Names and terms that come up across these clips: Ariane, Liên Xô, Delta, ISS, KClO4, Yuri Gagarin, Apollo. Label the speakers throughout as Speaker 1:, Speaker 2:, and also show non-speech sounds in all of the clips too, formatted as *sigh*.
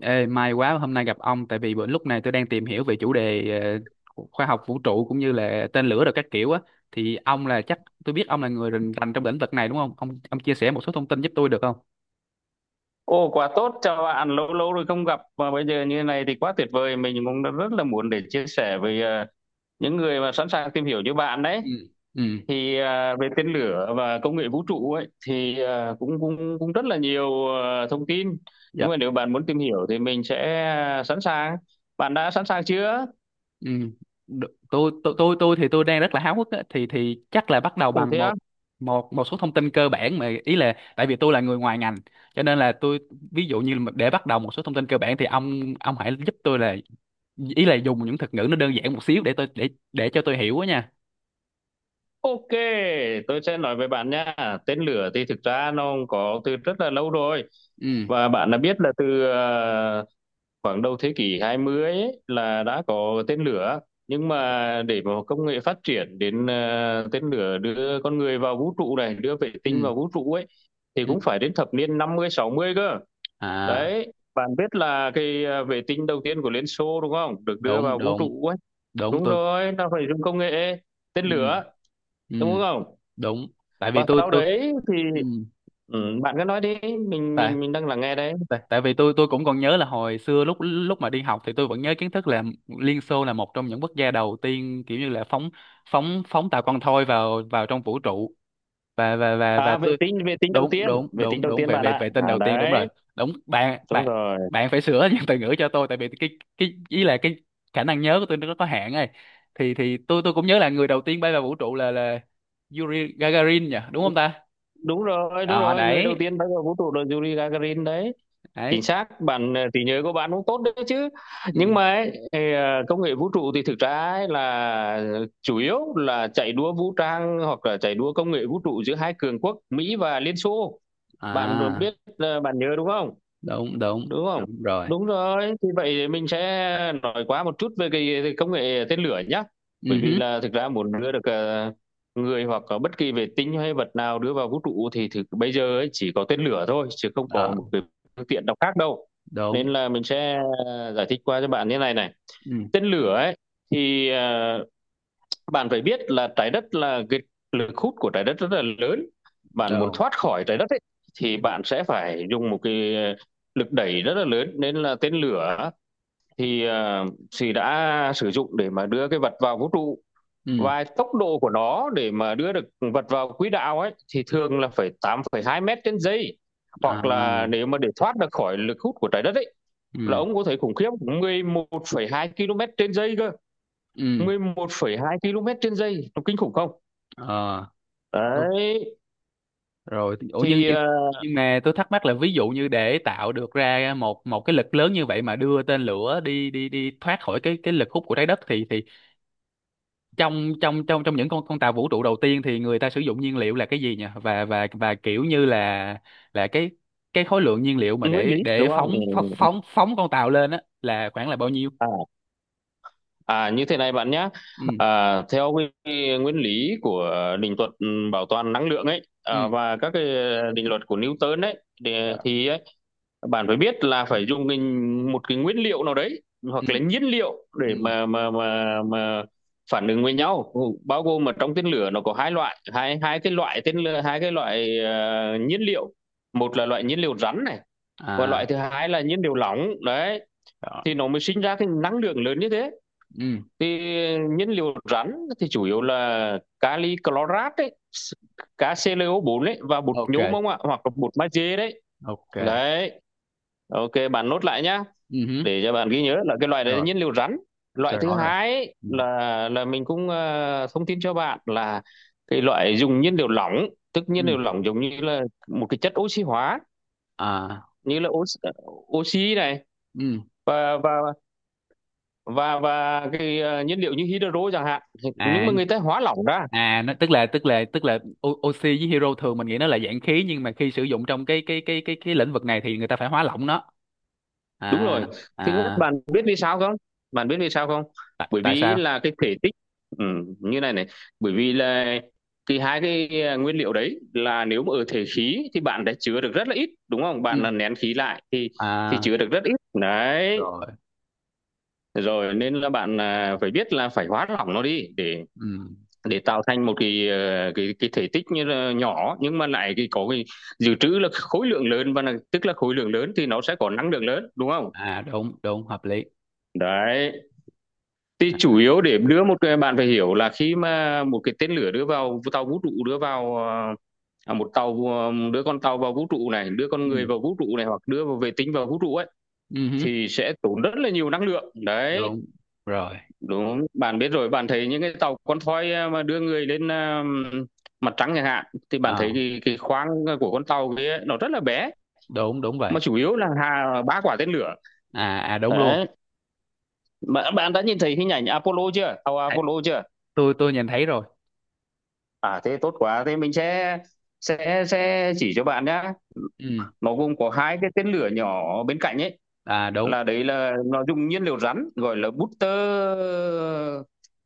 Speaker 1: Ê, may quá hôm nay gặp ông tại vì bữa lúc này tôi đang tìm hiểu về chủ đề khoa học vũ trụ cũng như là tên lửa rồi các kiểu á. Thì ông là chắc Tôi biết ông là người rành rành trong lĩnh vực này, đúng không? Ông chia sẻ một số thông tin giúp tôi được không?
Speaker 2: Ồ quá tốt, chào bạn, lâu lâu rồi không gặp mà bây giờ như thế này thì quá tuyệt vời, mình cũng đã rất là muốn để chia sẻ với những người mà sẵn sàng tìm hiểu như bạn đấy.
Speaker 1: Ừ. Ừ.
Speaker 2: Về tên lửa và công nghệ vũ trụ ấy thì ờ, cũng cũng cũng rất là nhiều thông tin.
Speaker 1: Dạ.
Speaker 2: Nhưng mà nếu bạn muốn tìm hiểu thì mình sẽ sẵn sàng. Bạn đã sẵn sàng chưa?
Speaker 1: Ừ. Được. Tôi thì tôi đang rất là háo hức á, thì chắc là bắt đầu
Speaker 2: Cùng
Speaker 1: bằng
Speaker 2: thế á?
Speaker 1: một một một số thông tin cơ bản. Mà ý là tại vì tôi là người ngoài ngành cho nên là tôi, ví dụ như mà để bắt đầu một số thông tin cơ bản, thì ông hãy giúp tôi là, ý là dùng những thuật ngữ nó đơn giản một xíu để cho tôi hiểu á nha.
Speaker 2: Ok, tôi sẽ nói với bạn nha. Tên lửa thì thực ra nó có từ rất là lâu rồi,
Speaker 1: Ừ,
Speaker 2: và bạn đã biết là từ khoảng đầu thế kỷ 20 ấy, là đã có tên lửa, nhưng mà để mà công nghệ phát triển đến tên lửa đưa con người vào vũ trụ này, đưa vệ tinh
Speaker 1: ừ,
Speaker 2: vào vũ trụ ấy, thì
Speaker 1: ừ.
Speaker 2: cũng phải đến thập niên năm mươi sáu mươi cơ.
Speaker 1: À,
Speaker 2: Đấy, bạn biết là cái vệ tinh đầu tiên của Liên Xô đúng không, được đưa
Speaker 1: đúng,
Speaker 2: vào vũ
Speaker 1: đúng,
Speaker 2: trụ ấy,
Speaker 1: đúng.
Speaker 2: đúng
Speaker 1: Tôi.
Speaker 2: rồi, nó phải dùng công nghệ tên
Speaker 1: Ừ,
Speaker 2: lửa đúng
Speaker 1: ừ.
Speaker 2: không,
Speaker 1: Đúng. tại vì
Speaker 2: và
Speaker 1: tôi
Speaker 2: sau
Speaker 1: tôi
Speaker 2: đấy thì
Speaker 1: ừ
Speaker 2: ừ, bạn cứ nói đi, mình
Speaker 1: tại
Speaker 2: mình mình đang lắng nghe đấy.
Speaker 1: tại tại vì tôi cũng còn nhớ là hồi xưa lúc lúc mà đi học thì tôi vẫn nhớ kiến thức là Liên Xô là một trong những quốc gia đầu tiên, kiểu như là phóng, phóng tàu con thoi vào vào trong vũ trụ. Và
Speaker 2: À, vệ
Speaker 1: tôi.
Speaker 2: tinh vệ tinh đầu
Speaker 1: Đúng,
Speaker 2: tiên
Speaker 1: đúng,
Speaker 2: vệ tinh
Speaker 1: đúng,
Speaker 2: đầu
Speaker 1: đúng,
Speaker 2: tiên
Speaker 1: về
Speaker 2: bạn
Speaker 1: về
Speaker 2: ạ.
Speaker 1: về tên
Speaker 2: À
Speaker 1: đầu tiên, đúng rồi.
Speaker 2: đấy,
Speaker 1: Đúng, bạn
Speaker 2: đúng
Speaker 1: bạn
Speaker 2: rồi,
Speaker 1: bạn phải sửa *laughs* những từ ngữ cho tôi tại vì cái, ý là cái khả năng nhớ của tôi nó có hạn ấy. Thì tôi cũng nhớ là người đầu tiên bay vào vũ trụ là Yuri Gagarin nhỉ, đúng không ta?
Speaker 2: đúng rồi, đúng
Speaker 1: Ờ,
Speaker 2: rồi, người đầu
Speaker 1: đấy.
Speaker 2: tiên bay vào vũ trụ là Yuri Gagarin đấy. Chính
Speaker 1: Đấy.
Speaker 2: xác bạn, trí nhớ của bạn cũng tốt đấy chứ.
Speaker 1: Ừ.
Speaker 2: Nhưng mà ấy, thì, công nghệ vũ trụ thì thực ra ấy là chủ yếu là chạy đua vũ trang hoặc là chạy đua công nghệ vũ trụ giữa hai cường quốc Mỹ và Liên Xô. Bạn
Speaker 1: À,
Speaker 2: biết bạn nhớ đúng không,
Speaker 1: đúng, đúng,
Speaker 2: đúng không,
Speaker 1: đúng rồi.
Speaker 2: đúng rồi. Thì vậy thì mình sẽ nói qua một chút về cái công nghệ tên lửa nhé, bởi
Speaker 1: Ừ
Speaker 2: vì
Speaker 1: hứ.
Speaker 2: là thực ra muốn đưa được người hoặc là bất kỳ vệ tinh hay vật nào đưa vào vũ trụ thì thực bây giờ ấy chỉ có tên lửa thôi chứ không có
Speaker 1: Ờ,
Speaker 2: một cái phương tiện nào khác đâu.
Speaker 1: đúng.
Speaker 2: Nên là mình sẽ giải thích qua cho bạn như này này.
Speaker 1: Ừ.
Speaker 2: Tên lửa ấy thì bạn phải biết là trái đất là cái lực hút của trái đất rất là lớn, bạn muốn
Speaker 1: Đúng.
Speaker 2: thoát khỏi trái đất ấy, thì
Speaker 1: Ừ.
Speaker 2: bạn sẽ phải dùng một cái lực đẩy rất là lớn, nên là tên lửa thì thì đã sử dụng để mà đưa cái vật vào vũ trụ.
Speaker 1: Ừ.
Speaker 2: Và tốc độ của nó để mà đưa được vật vào quỹ đạo ấy thì thường là phải 8,2 mét trên giây,
Speaker 1: À.
Speaker 2: hoặc là nếu mà để thoát được khỏi lực hút của trái đất ấy là
Speaker 1: Ừ.
Speaker 2: ông có thể khủng khiếp 11,2 km trên giây cơ.
Speaker 1: Ừ.
Speaker 2: 11,2 km trên giây nó kinh khủng không?
Speaker 1: ờ, Đúng
Speaker 2: Đấy
Speaker 1: rồi. Ủa, nhưng,
Speaker 2: thì
Speaker 1: nhưng mà tôi thắc mắc là ví dụ như để tạo được ra một một cái lực lớn như vậy mà đưa tên lửa đi đi đi thoát khỏi cái lực hút của trái đất thì trong trong trong trong những con tàu vũ trụ đầu tiên thì người ta sử dụng nhiên liệu là cái gì nhỉ? Và kiểu như là cái khối lượng nhiên liệu mà
Speaker 2: nguyên
Speaker 1: để
Speaker 2: lý
Speaker 1: để
Speaker 2: đúng không?
Speaker 1: phóng phóng
Speaker 2: Ừ.
Speaker 1: phóng phóng con tàu lên á là khoảng là bao nhiêu?
Speaker 2: À, à như thế này bạn nhé.
Speaker 1: Ừ.
Speaker 2: À, theo nguyên lý của định luật bảo toàn năng lượng ấy,
Speaker 1: Ừ.
Speaker 2: à, và các cái định luật của Newton ấy thì,
Speaker 1: Dạ.
Speaker 2: thì ấy, bạn phải biết là phải dùng một cái nguyên liệu nào đấy
Speaker 1: Ừ.
Speaker 2: hoặc là nhiên liệu để
Speaker 1: Ừ.
Speaker 2: mà phản ứng với nhau. Ừ, bao gồm mà trong tên lửa nó có hai loại, hai hai cái loại tên lửa hai cái loại nhiên liệu. Một là
Speaker 1: Ừ.
Speaker 2: loại nhiên liệu rắn này, và
Speaker 1: À.
Speaker 2: loại thứ hai là nhiên liệu lỏng đấy,
Speaker 1: Đó.
Speaker 2: thì nó mới sinh ra cái năng lượng lớn như thế.
Speaker 1: Ừ.
Speaker 2: Thì nhiên liệu rắn thì chủ yếu là kali chlorat đấy, KClO4 đấy, và bột
Speaker 1: Ok,
Speaker 2: nhôm không ạ, hoặc là bột magie đấy.
Speaker 1: ok.
Speaker 2: Đấy, ok bạn nốt lại nhá,
Speaker 1: Ừ hứ.
Speaker 2: để cho bạn ghi nhớ là cái loại đấy là
Speaker 1: Rồi,
Speaker 2: nhiên liệu rắn.
Speaker 1: tôi
Speaker 2: Loại thứ
Speaker 1: rõ rồi.
Speaker 2: hai
Speaker 1: Ừ.
Speaker 2: là mình cũng thông tin cho bạn là cái loại dùng nhiên liệu lỏng, tức nhiên
Speaker 1: Ừ.
Speaker 2: liệu lỏng giống như là một cái chất oxy hóa,
Speaker 1: À.
Speaker 2: như là oxy này,
Speaker 1: Ừ.
Speaker 2: và và và cái nhiên liệu như hydro chẳng hạn. Thì- nhưng
Speaker 1: À.
Speaker 2: mà người ta hóa lỏng ra.
Speaker 1: À, nó tức là, tức là O- oxy với hero thường mình nghĩ nó là dạng khí, nhưng mà khi sử dụng trong cái lĩnh vực này thì người ta phải hóa lỏng nó.
Speaker 2: Đúng
Speaker 1: À.
Speaker 2: rồi, thứ nhất
Speaker 1: À.
Speaker 2: bạn biết vì sao không, bạn biết vì sao không?
Speaker 1: Tại,
Speaker 2: Bởi
Speaker 1: tại
Speaker 2: vì
Speaker 1: sao?
Speaker 2: là cái thể tích, ừ, như này này. Bởi vì là cái hai cái nguyên liệu đấy là nếu mà ở thể khí thì bạn đã chứa được rất là ít đúng không, bạn
Speaker 1: Ừ.
Speaker 2: là nén khí lại thì
Speaker 1: À,
Speaker 2: chứa được rất ít đấy.
Speaker 1: rồi.
Speaker 2: Rồi nên là bạn, à, phải biết là phải hóa lỏng nó đi
Speaker 1: Ừ.
Speaker 2: để tạo thành một cái cái thể tích như là nhỏ nhưng mà lại cái có cái dự trữ là khối lượng lớn, và là, tức là khối lượng lớn thì nó sẽ có năng lượng lớn đúng không.
Speaker 1: À, đúng, đúng, hợp lý.
Speaker 2: Đấy, thì chủ
Speaker 1: À.
Speaker 2: yếu để đưa một cái bạn phải hiểu là khi mà một cái tên lửa đưa vào tàu vũ trụ đưa vào một tàu, đưa con tàu vào vũ trụ này, đưa con
Speaker 1: Ừ.
Speaker 2: người vào vũ trụ này, hoặc đưa vào vệ tinh vào vũ trụ ấy,
Speaker 1: Ừ hứ.
Speaker 2: thì sẽ tốn rất là nhiều năng lượng đấy.
Speaker 1: Đúng rồi.
Speaker 2: Đúng, bạn biết rồi, bạn thấy những cái tàu con thoi à, mà đưa người lên à, mặt trăng chẳng hạn, thì bạn
Speaker 1: À,
Speaker 2: thấy cái khoang của con tàu kia nó rất là bé,
Speaker 1: đúng, đúng vậy.
Speaker 2: mà chủ yếu là hà ba quả tên lửa
Speaker 1: À, à, đúng luôn.
Speaker 2: đấy. Bạn, bạn đã nhìn thấy hình ảnh Apollo chưa, tàu
Speaker 1: Thấy-,
Speaker 2: Apollo chưa?
Speaker 1: tôi nhìn thấy rồi.
Speaker 2: À thế tốt quá, thế mình sẽ sẽ chỉ cho bạn nhá.
Speaker 1: Ừ.
Speaker 2: Nó gồm có hai cái tên lửa nhỏ bên cạnh ấy,
Speaker 1: À, đúng.
Speaker 2: là đấy là nó dùng nhiên liệu rắn, gọi là booster.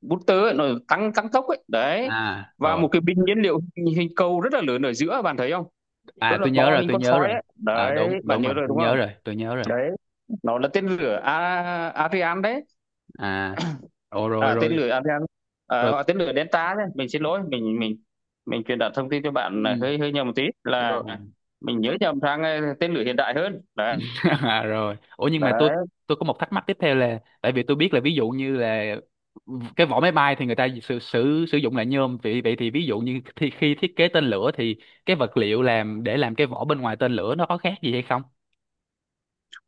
Speaker 2: Booster ấy, nó tăng tăng tốc ấy đấy.
Speaker 1: À,
Speaker 2: Và
Speaker 1: rồi.
Speaker 2: một cái bình nhiên liệu hình cầu rất là lớn ở giữa bạn thấy không, rất
Speaker 1: À,
Speaker 2: là
Speaker 1: tôi nhớ
Speaker 2: to
Speaker 1: rồi,
Speaker 2: hình
Speaker 1: tôi
Speaker 2: con
Speaker 1: nhớ
Speaker 2: sói
Speaker 1: rồi.
Speaker 2: ấy
Speaker 1: À,
Speaker 2: đấy.
Speaker 1: đúng,
Speaker 2: Bạn
Speaker 1: đúng rồi,
Speaker 2: nhớ rồi
Speaker 1: tôi
Speaker 2: đúng
Speaker 1: nhớ
Speaker 2: không?
Speaker 1: rồi, tôi nhớ rồi.
Speaker 2: Đấy, nó là tên lửa Ariane đấy.
Speaker 1: À. Ồ, rồi,
Speaker 2: À tên
Speaker 1: rồi,
Speaker 2: lửa Ariane, à,
Speaker 1: rồi.
Speaker 2: hoặc tên lửa Delta đấy. Mình xin lỗi mình truyền đạt thông tin cho bạn là
Speaker 1: Ừ,
Speaker 2: hơi hơi nhầm một tí, là
Speaker 1: rồi.
Speaker 2: mình nhớ nhầm sang tên lửa hiện đại hơn đấy.
Speaker 1: *laughs* À, rồi, ủa nhưng mà tôi
Speaker 2: Đấy.
Speaker 1: tôi có một thắc mắc tiếp theo là tại vì tôi biết là ví dụ như là cái vỏ máy bay thì người ta sử sử sử dụng là nhôm. Vậy, vậy thì ví dụ như thì khi thiết kế tên lửa thì cái vật liệu làm để làm cái vỏ bên ngoài tên lửa nó có khác gì hay không?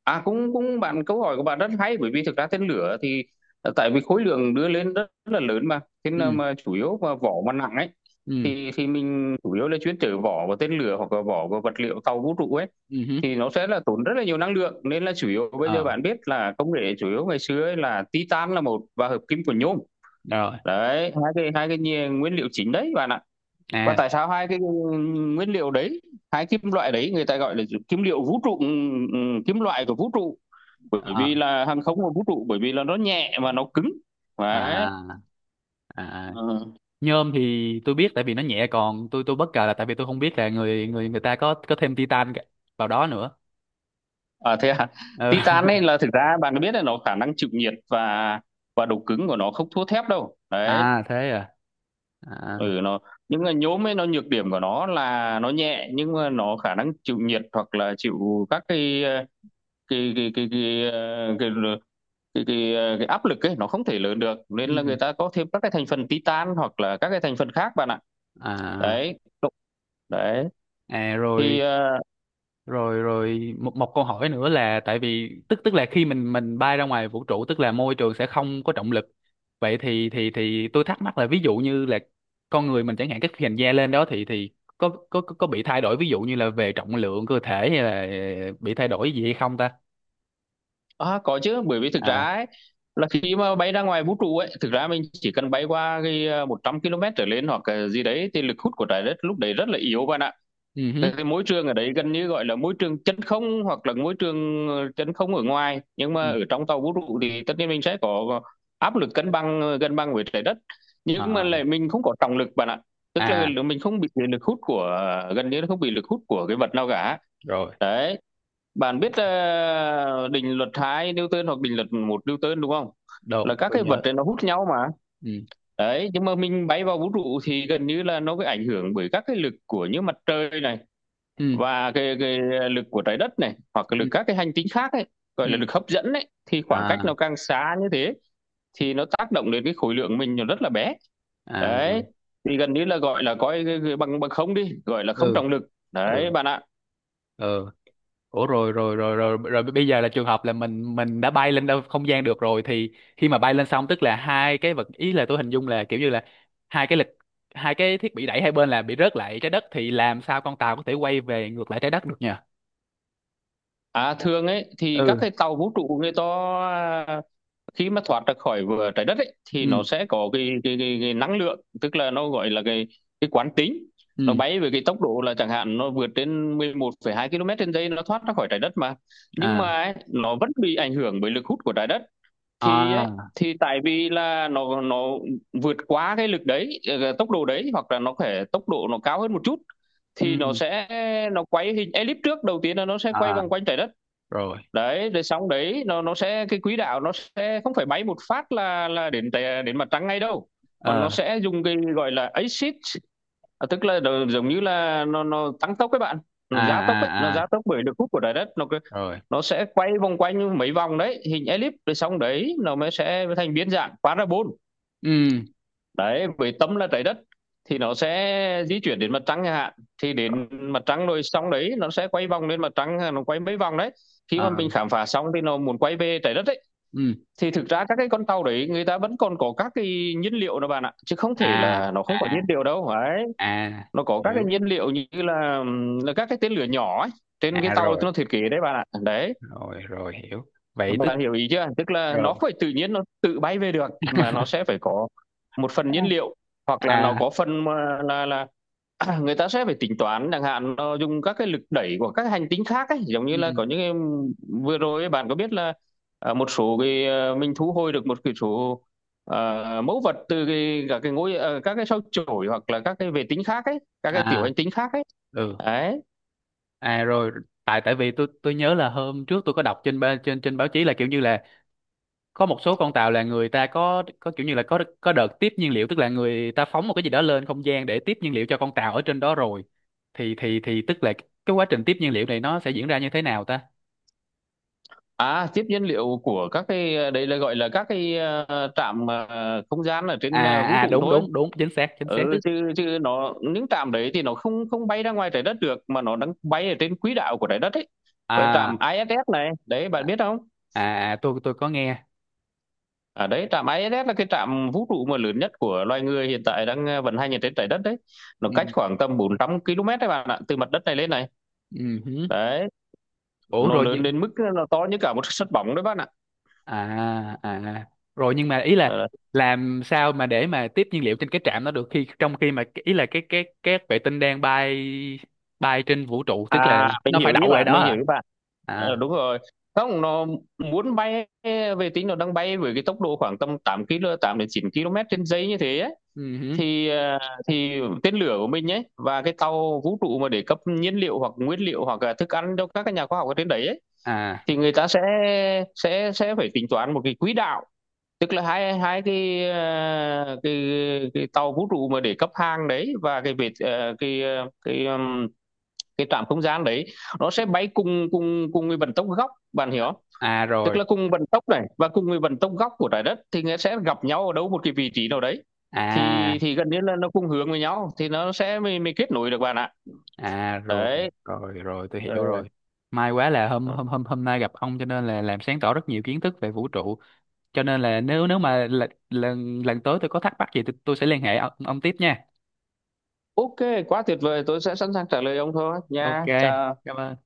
Speaker 2: À cũng cũng bạn, câu hỏi của bạn rất hay, bởi vì thực ra tên lửa thì tại vì khối lượng đưa lên rất là lớn mà, thế nên
Speaker 1: Ừ.
Speaker 2: mà chủ yếu mà vỏ mà nặng ấy
Speaker 1: Ừ.
Speaker 2: thì mình chủ yếu là chuyên chở vỏ và tên lửa hoặc là vỏ và vật liệu tàu vũ trụ ấy,
Speaker 1: Ừ hứ.
Speaker 2: thì nó sẽ là tốn rất là nhiều năng lượng, nên là chủ yếu bây giờ
Speaker 1: Ờ,
Speaker 2: bạn biết là công nghệ chủ yếu ngày xưa ấy là titan là một và hợp kim của nhôm
Speaker 1: rồi.
Speaker 2: đấy. Nguyên liệu chính đấy bạn ạ. Và
Speaker 1: À.
Speaker 2: tại sao hai cái nguyên liệu đấy, hai kim loại đấy người ta gọi là kim liệu vũ trụ, ừ, kim loại của vũ trụ, bởi
Speaker 1: À,
Speaker 2: vì là hàng không và vũ trụ, bởi vì là nó nhẹ mà nó cứng đấy.
Speaker 1: à. À.
Speaker 2: Ừ.
Speaker 1: Nhôm thì tôi biết tại vì nó nhẹ, còn tôi bất ngờ là tại vì tôi không biết là người người người ta có thêm titan cả- vào đó nữa.
Speaker 2: À thế à,
Speaker 1: Ừ.
Speaker 2: titan ấy
Speaker 1: *laughs*
Speaker 2: là thực ra bạn có biết là nó khả năng chịu nhiệt và độ cứng của nó không thua thép đâu đấy.
Speaker 1: À, thế à. À.
Speaker 2: Ừ nó, những cái nhôm ấy nó nhược điểm của nó là nó nhẹ nhưng mà nó khả năng chịu nhiệt hoặc là chịu các cái ờ, cái áp lực ấy nó không thể lớn được, nên là
Speaker 1: Ừ.
Speaker 2: người ta có thêm các cái thành phần titan hoặc là các cái thành phần khác bạn ạ.
Speaker 1: À,
Speaker 2: Đấy, đấy,
Speaker 1: à
Speaker 2: thì
Speaker 1: rồi, rồi, rồi, một một câu hỏi nữa là tại vì tức, tức là khi mình bay ra ngoài vũ trụ tức là môi trường sẽ không có trọng lực. Vậy thì, thì tôi thắc mắc là ví dụ như là con người mình chẳng hạn cái hình da lên đó thì có bị thay đổi ví dụ như là về trọng lượng cơ thể hay là bị thay đổi gì hay không ta?
Speaker 2: À, có chứ, bởi vì thực ra
Speaker 1: À.
Speaker 2: ấy, là khi mà bay ra ngoài vũ trụ ấy thực ra mình chỉ cần bay qua cái à, 100 km trở lên hoặc cái gì đấy thì lực hút của trái đất lúc đấy rất là yếu bạn ạ.
Speaker 1: Ừ hứ.
Speaker 2: Cái môi trường ở đấy gần như gọi là môi trường chân không, hoặc là môi trường chân không ở ngoài, nhưng
Speaker 1: Ừ.
Speaker 2: mà ở trong tàu vũ trụ thì tất nhiên mình sẽ có áp lực cân bằng cân bằng với trái đất, nhưng mà
Speaker 1: À,
Speaker 2: lại mình không có trọng lực bạn ạ. Tức
Speaker 1: à
Speaker 2: là mình không bị lực hút của gần như là không bị lực hút của cái vật nào cả.
Speaker 1: rồi.
Speaker 2: Đấy, bạn biết định luật 2 Newton hoặc định luật 1 Newton đúng không? Là
Speaker 1: Đúng,
Speaker 2: các
Speaker 1: tôi
Speaker 2: cái vật
Speaker 1: nhớ.
Speaker 2: này nó hút nhau mà.
Speaker 1: Ừ.
Speaker 2: Đấy, nhưng mà mình bay vào vũ trụ thì gần như là nó bị ảnh hưởng bởi các cái lực của như mặt trời này
Speaker 1: Ừ.
Speaker 2: và cái lực của trái đất này hoặc cái
Speaker 1: Ừ.
Speaker 2: lực các cái hành tinh khác ấy, gọi là
Speaker 1: Ừ.
Speaker 2: lực hấp dẫn ấy, thì khoảng cách
Speaker 1: À,
Speaker 2: nó càng xa như thế thì nó tác động đến cái khối lượng mình nó rất là bé.
Speaker 1: à.
Speaker 2: Đấy, thì gần như là gọi là coi cái bằng bằng không đi, gọi là không
Speaker 1: Ừ.
Speaker 2: trọng lực. Đấy
Speaker 1: Ừ.
Speaker 2: bạn ạ.
Speaker 1: Ừ. Ủa, rồi, rồi, rồi, rồi, rồi, bây giờ là trường hợp là mình đã bay lên đâu không gian được rồi thì khi mà bay lên xong tức là hai cái vật, ý là tôi hình dung là kiểu như là hai cái lực, hai cái thiết bị đẩy hai bên là bị rớt lại trái đất, thì làm sao con tàu có thể quay về ngược lại trái đất được nhỉ?
Speaker 2: À thường ấy thì các
Speaker 1: Ừ.
Speaker 2: cái tàu vũ trụ người ta khi mà thoát ra khỏi vừa trái đất ấy, thì nó
Speaker 1: Ừ.
Speaker 2: sẽ có cái năng lượng, tức là nó gọi là cái quán tính. Nó
Speaker 1: Ừ.
Speaker 2: bay với cái tốc độ là chẳng hạn nó vượt trên 11,2 km trên giây, nó thoát ra khỏi trái đất mà, nhưng
Speaker 1: À,
Speaker 2: mà ấy, nó vẫn bị ảnh hưởng bởi lực hút của trái đất. Thì ấy,
Speaker 1: à.
Speaker 2: thì tại vì là nó vượt quá cái lực đấy, tốc độ đấy, hoặc là nó phải tốc độ nó cao hơn một chút thì nó
Speaker 1: Ừ.
Speaker 2: sẽ nó quay hình elip. Trước đầu tiên là nó sẽ quay
Speaker 1: À,
Speaker 2: vòng quanh trái đất.
Speaker 1: rồi.
Speaker 2: Đấy, rồi sóng đấy nó sẽ cái quỹ đạo nó sẽ không phải bay một phát là đến đến mặt trăng ngay đâu. Mà nó
Speaker 1: Ờ.
Speaker 2: sẽ dùng cái gọi là axit, à, tức là nó- giống như là nó tăng tốc các bạn,
Speaker 1: À.
Speaker 2: nó gia tốc ấy, nó
Speaker 1: À. À,
Speaker 2: gia tốc bởi lực hút của trái đất nó cứ-
Speaker 1: rồi.
Speaker 2: nó sẽ quay vòng quanh mấy vòng đấy, hình elip, rồi xong đấy nó mới sẽ thành biến dạng parabol,
Speaker 1: Ừ.
Speaker 2: đấy, với tâm là trái đất, thì nó sẽ di chuyển đến mặt trăng chẳng hạn. Thì đến mặt trăng rồi xong đấy nó sẽ quay vòng lên mặt trăng, nó quay mấy vòng đấy, khi
Speaker 1: À.
Speaker 2: mà mình khám phá xong thì nó muốn quay về trái đất đấy,
Speaker 1: Ừ.
Speaker 2: thì thực ra các cái con tàu đấy người ta vẫn còn có các cái nhiên liệu đó bạn ạ, chứ không thể
Speaker 1: À.
Speaker 2: là nó không có nhiên
Speaker 1: À.
Speaker 2: liệu đâu. Đấy,
Speaker 1: À,
Speaker 2: nó có các cái
Speaker 1: hiểu.
Speaker 2: nhiên liệu như là các cái tên lửa nhỏ ấy trên cái
Speaker 1: À,
Speaker 2: tàu
Speaker 1: rồi,
Speaker 2: nó thiết kế đấy bạn ạ. Đấy,
Speaker 1: rồi, rồi, hiểu. Vậy tức.
Speaker 2: bạn hiểu ý chưa? Tức là
Speaker 1: Rồi.
Speaker 2: nó phải tự nhiên nó tự bay về được mà, nó sẽ phải có một phần nhiên liệu, hoặc là nó
Speaker 1: À. À.
Speaker 2: có phần mà là *clears throat* người ta sẽ phải tính toán, chẳng hạn nó dùng các cái lực đẩy của các hành tinh khác ấy, giống như là
Speaker 1: Ừ.
Speaker 2: có những cái vừa rồi ấy, bạn có biết là, à, một số cái, à, mình thu hồi được một cái số, à, mẫu vật từ cái các cái ngôi, à, các cái sao chổi hoặc là các cái vệ tinh khác ấy, các cái tiểu
Speaker 1: À.
Speaker 2: hành tinh khác ấy,
Speaker 1: Ừ.
Speaker 2: đấy.
Speaker 1: À, rồi, tại, tại vì tôi nhớ là hôm trước tôi có đọc trên ba-, trên, trên báo chí là kiểu như là có một số con tàu là người ta có kiểu như là có đợt tiếp nhiên liệu tức là người ta phóng một cái gì đó lên không gian để tiếp nhiên liệu cho con tàu ở trên đó rồi, thì tức là cái quá trình tiếp nhiên liệu này nó sẽ diễn ra như thế nào ta?
Speaker 2: À, tiếp nhiên liệu của các cái đấy là gọi là các cái, trạm, không gian ở trên,
Speaker 1: À,
Speaker 2: vũ
Speaker 1: à,
Speaker 2: trụ
Speaker 1: đúng,
Speaker 2: thôi.
Speaker 1: đúng, đúng, chính xác, chính xác.
Speaker 2: Ừ, chứ chứ nó những trạm đấy thì nó không không bay ra ngoài Trái Đất được, mà nó đang bay ở trên quỹ đạo của Trái Đất ấy. Với
Speaker 1: À,
Speaker 2: trạm ISS này, đấy bạn biết không?
Speaker 1: à, à, tôi có nghe.
Speaker 2: À đấy, trạm ISS là cái trạm vũ trụ mà lớn nhất của loài người hiện tại đang vận hành ở trên Trái Đất đấy. Nó
Speaker 1: Ừ,
Speaker 2: cách khoảng tầm 400 km đấy bạn ạ, từ mặt đất này lên này.
Speaker 1: ừ hứ.
Speaker 2: Đấy,
Speaker 1: Ủa,
Speaker 2: nó
Speaker 1: rồi nhưng.
Speaker 2: lớn đến mức nó to như cả một *laughs* sân bóng đấy bạn ạ.
Speaker 1: À. À, à. Rồi, nhưng mà ý là
Speaker 2: Ờ,
Speaker 1: làm sao mà để mà tiếp nhiên liệu trên cái trạm đó được, khi trong khi mà ý là cái vệ tinh đang bay, bay trên vũ trụ, tức là
Speaker 2: À, mình
Speaker 1: nó phải
Speaker 2: hiểu ý
Speaker 1: đậu lại
Speaker 2: bạn,
Speaker 1: đó
Speaker 2: mình
Speaker 1: hả?
Speaker 2: hiểu ý bạn. Ờ,
Speaker 1: À.
Speaker 2: đúng rồi. Không, nó muốn bay, vệ tinh nó đang bay với cái tốc độ khoảng tầm 8 km, 8 đến 9 km trên giây như thế ấy.
Speaker 1: Ừ hứ.
Speaker 2: Thì, à, thì tên lửa của mình ấy và cái tàu vũ trụ mà để cấp nhiên liệu hoặc nguyên liệu hoặc là thức ăn cho các cái nhà khoa học ở trên đấy ấy,
Speaker 1: À.
Speaker 2: thì người ta sẽ sẽ phải tính toán một cái quỹ đạo, tức là hai hai cái, à, cái tàu vũ trụ mà để cấp hàng đấy và cái vệ à, cái ờ, cái trạm không gian đấy nó sẽ bay cùng cùng cùng với vận tốc góc, bạn hiểu không?
Speaker 1: À,
Speaker 2: Tức
Speaker 1: rồi.
Speaker 2: là cùng vận tốc này và cùng với vận tốc góc của trái đất thì nó sẽ gặp nhau ở đâu một cái vị trí nào đấy,
Speaker 1: À.
Speaker 2: thì gần như là nó cùng hướng với nhau thì nó sẽ mới kết nối được bạn ạ.
Speaker 1: À, rồi,
Speaker 2: Đấy.
Speaker 1: rồi, rồi, tôi
Speaker 2: Ờ,
Speaker 1: hiểu rồi. May quá là hôm
Speaker 2: ờ.
Speaker 1: hôm hôm hôm nay gặp ông cho nên là làm sáng tỏ rất nhiều kiến thức về vũ trụ, cho nên là nếu, mà lần lần lần tới tôi có thắc mắc gì, tôi sẽ liên hệ ông, tiếp nha.
Speaker 2: OK, quá tuyệt vời, tôi sẽ sẵn sàng trả lời ông thôi
Speaker 1: Ok,
Speaker 2: nha, chào.
Speaker 1: cảm ơn.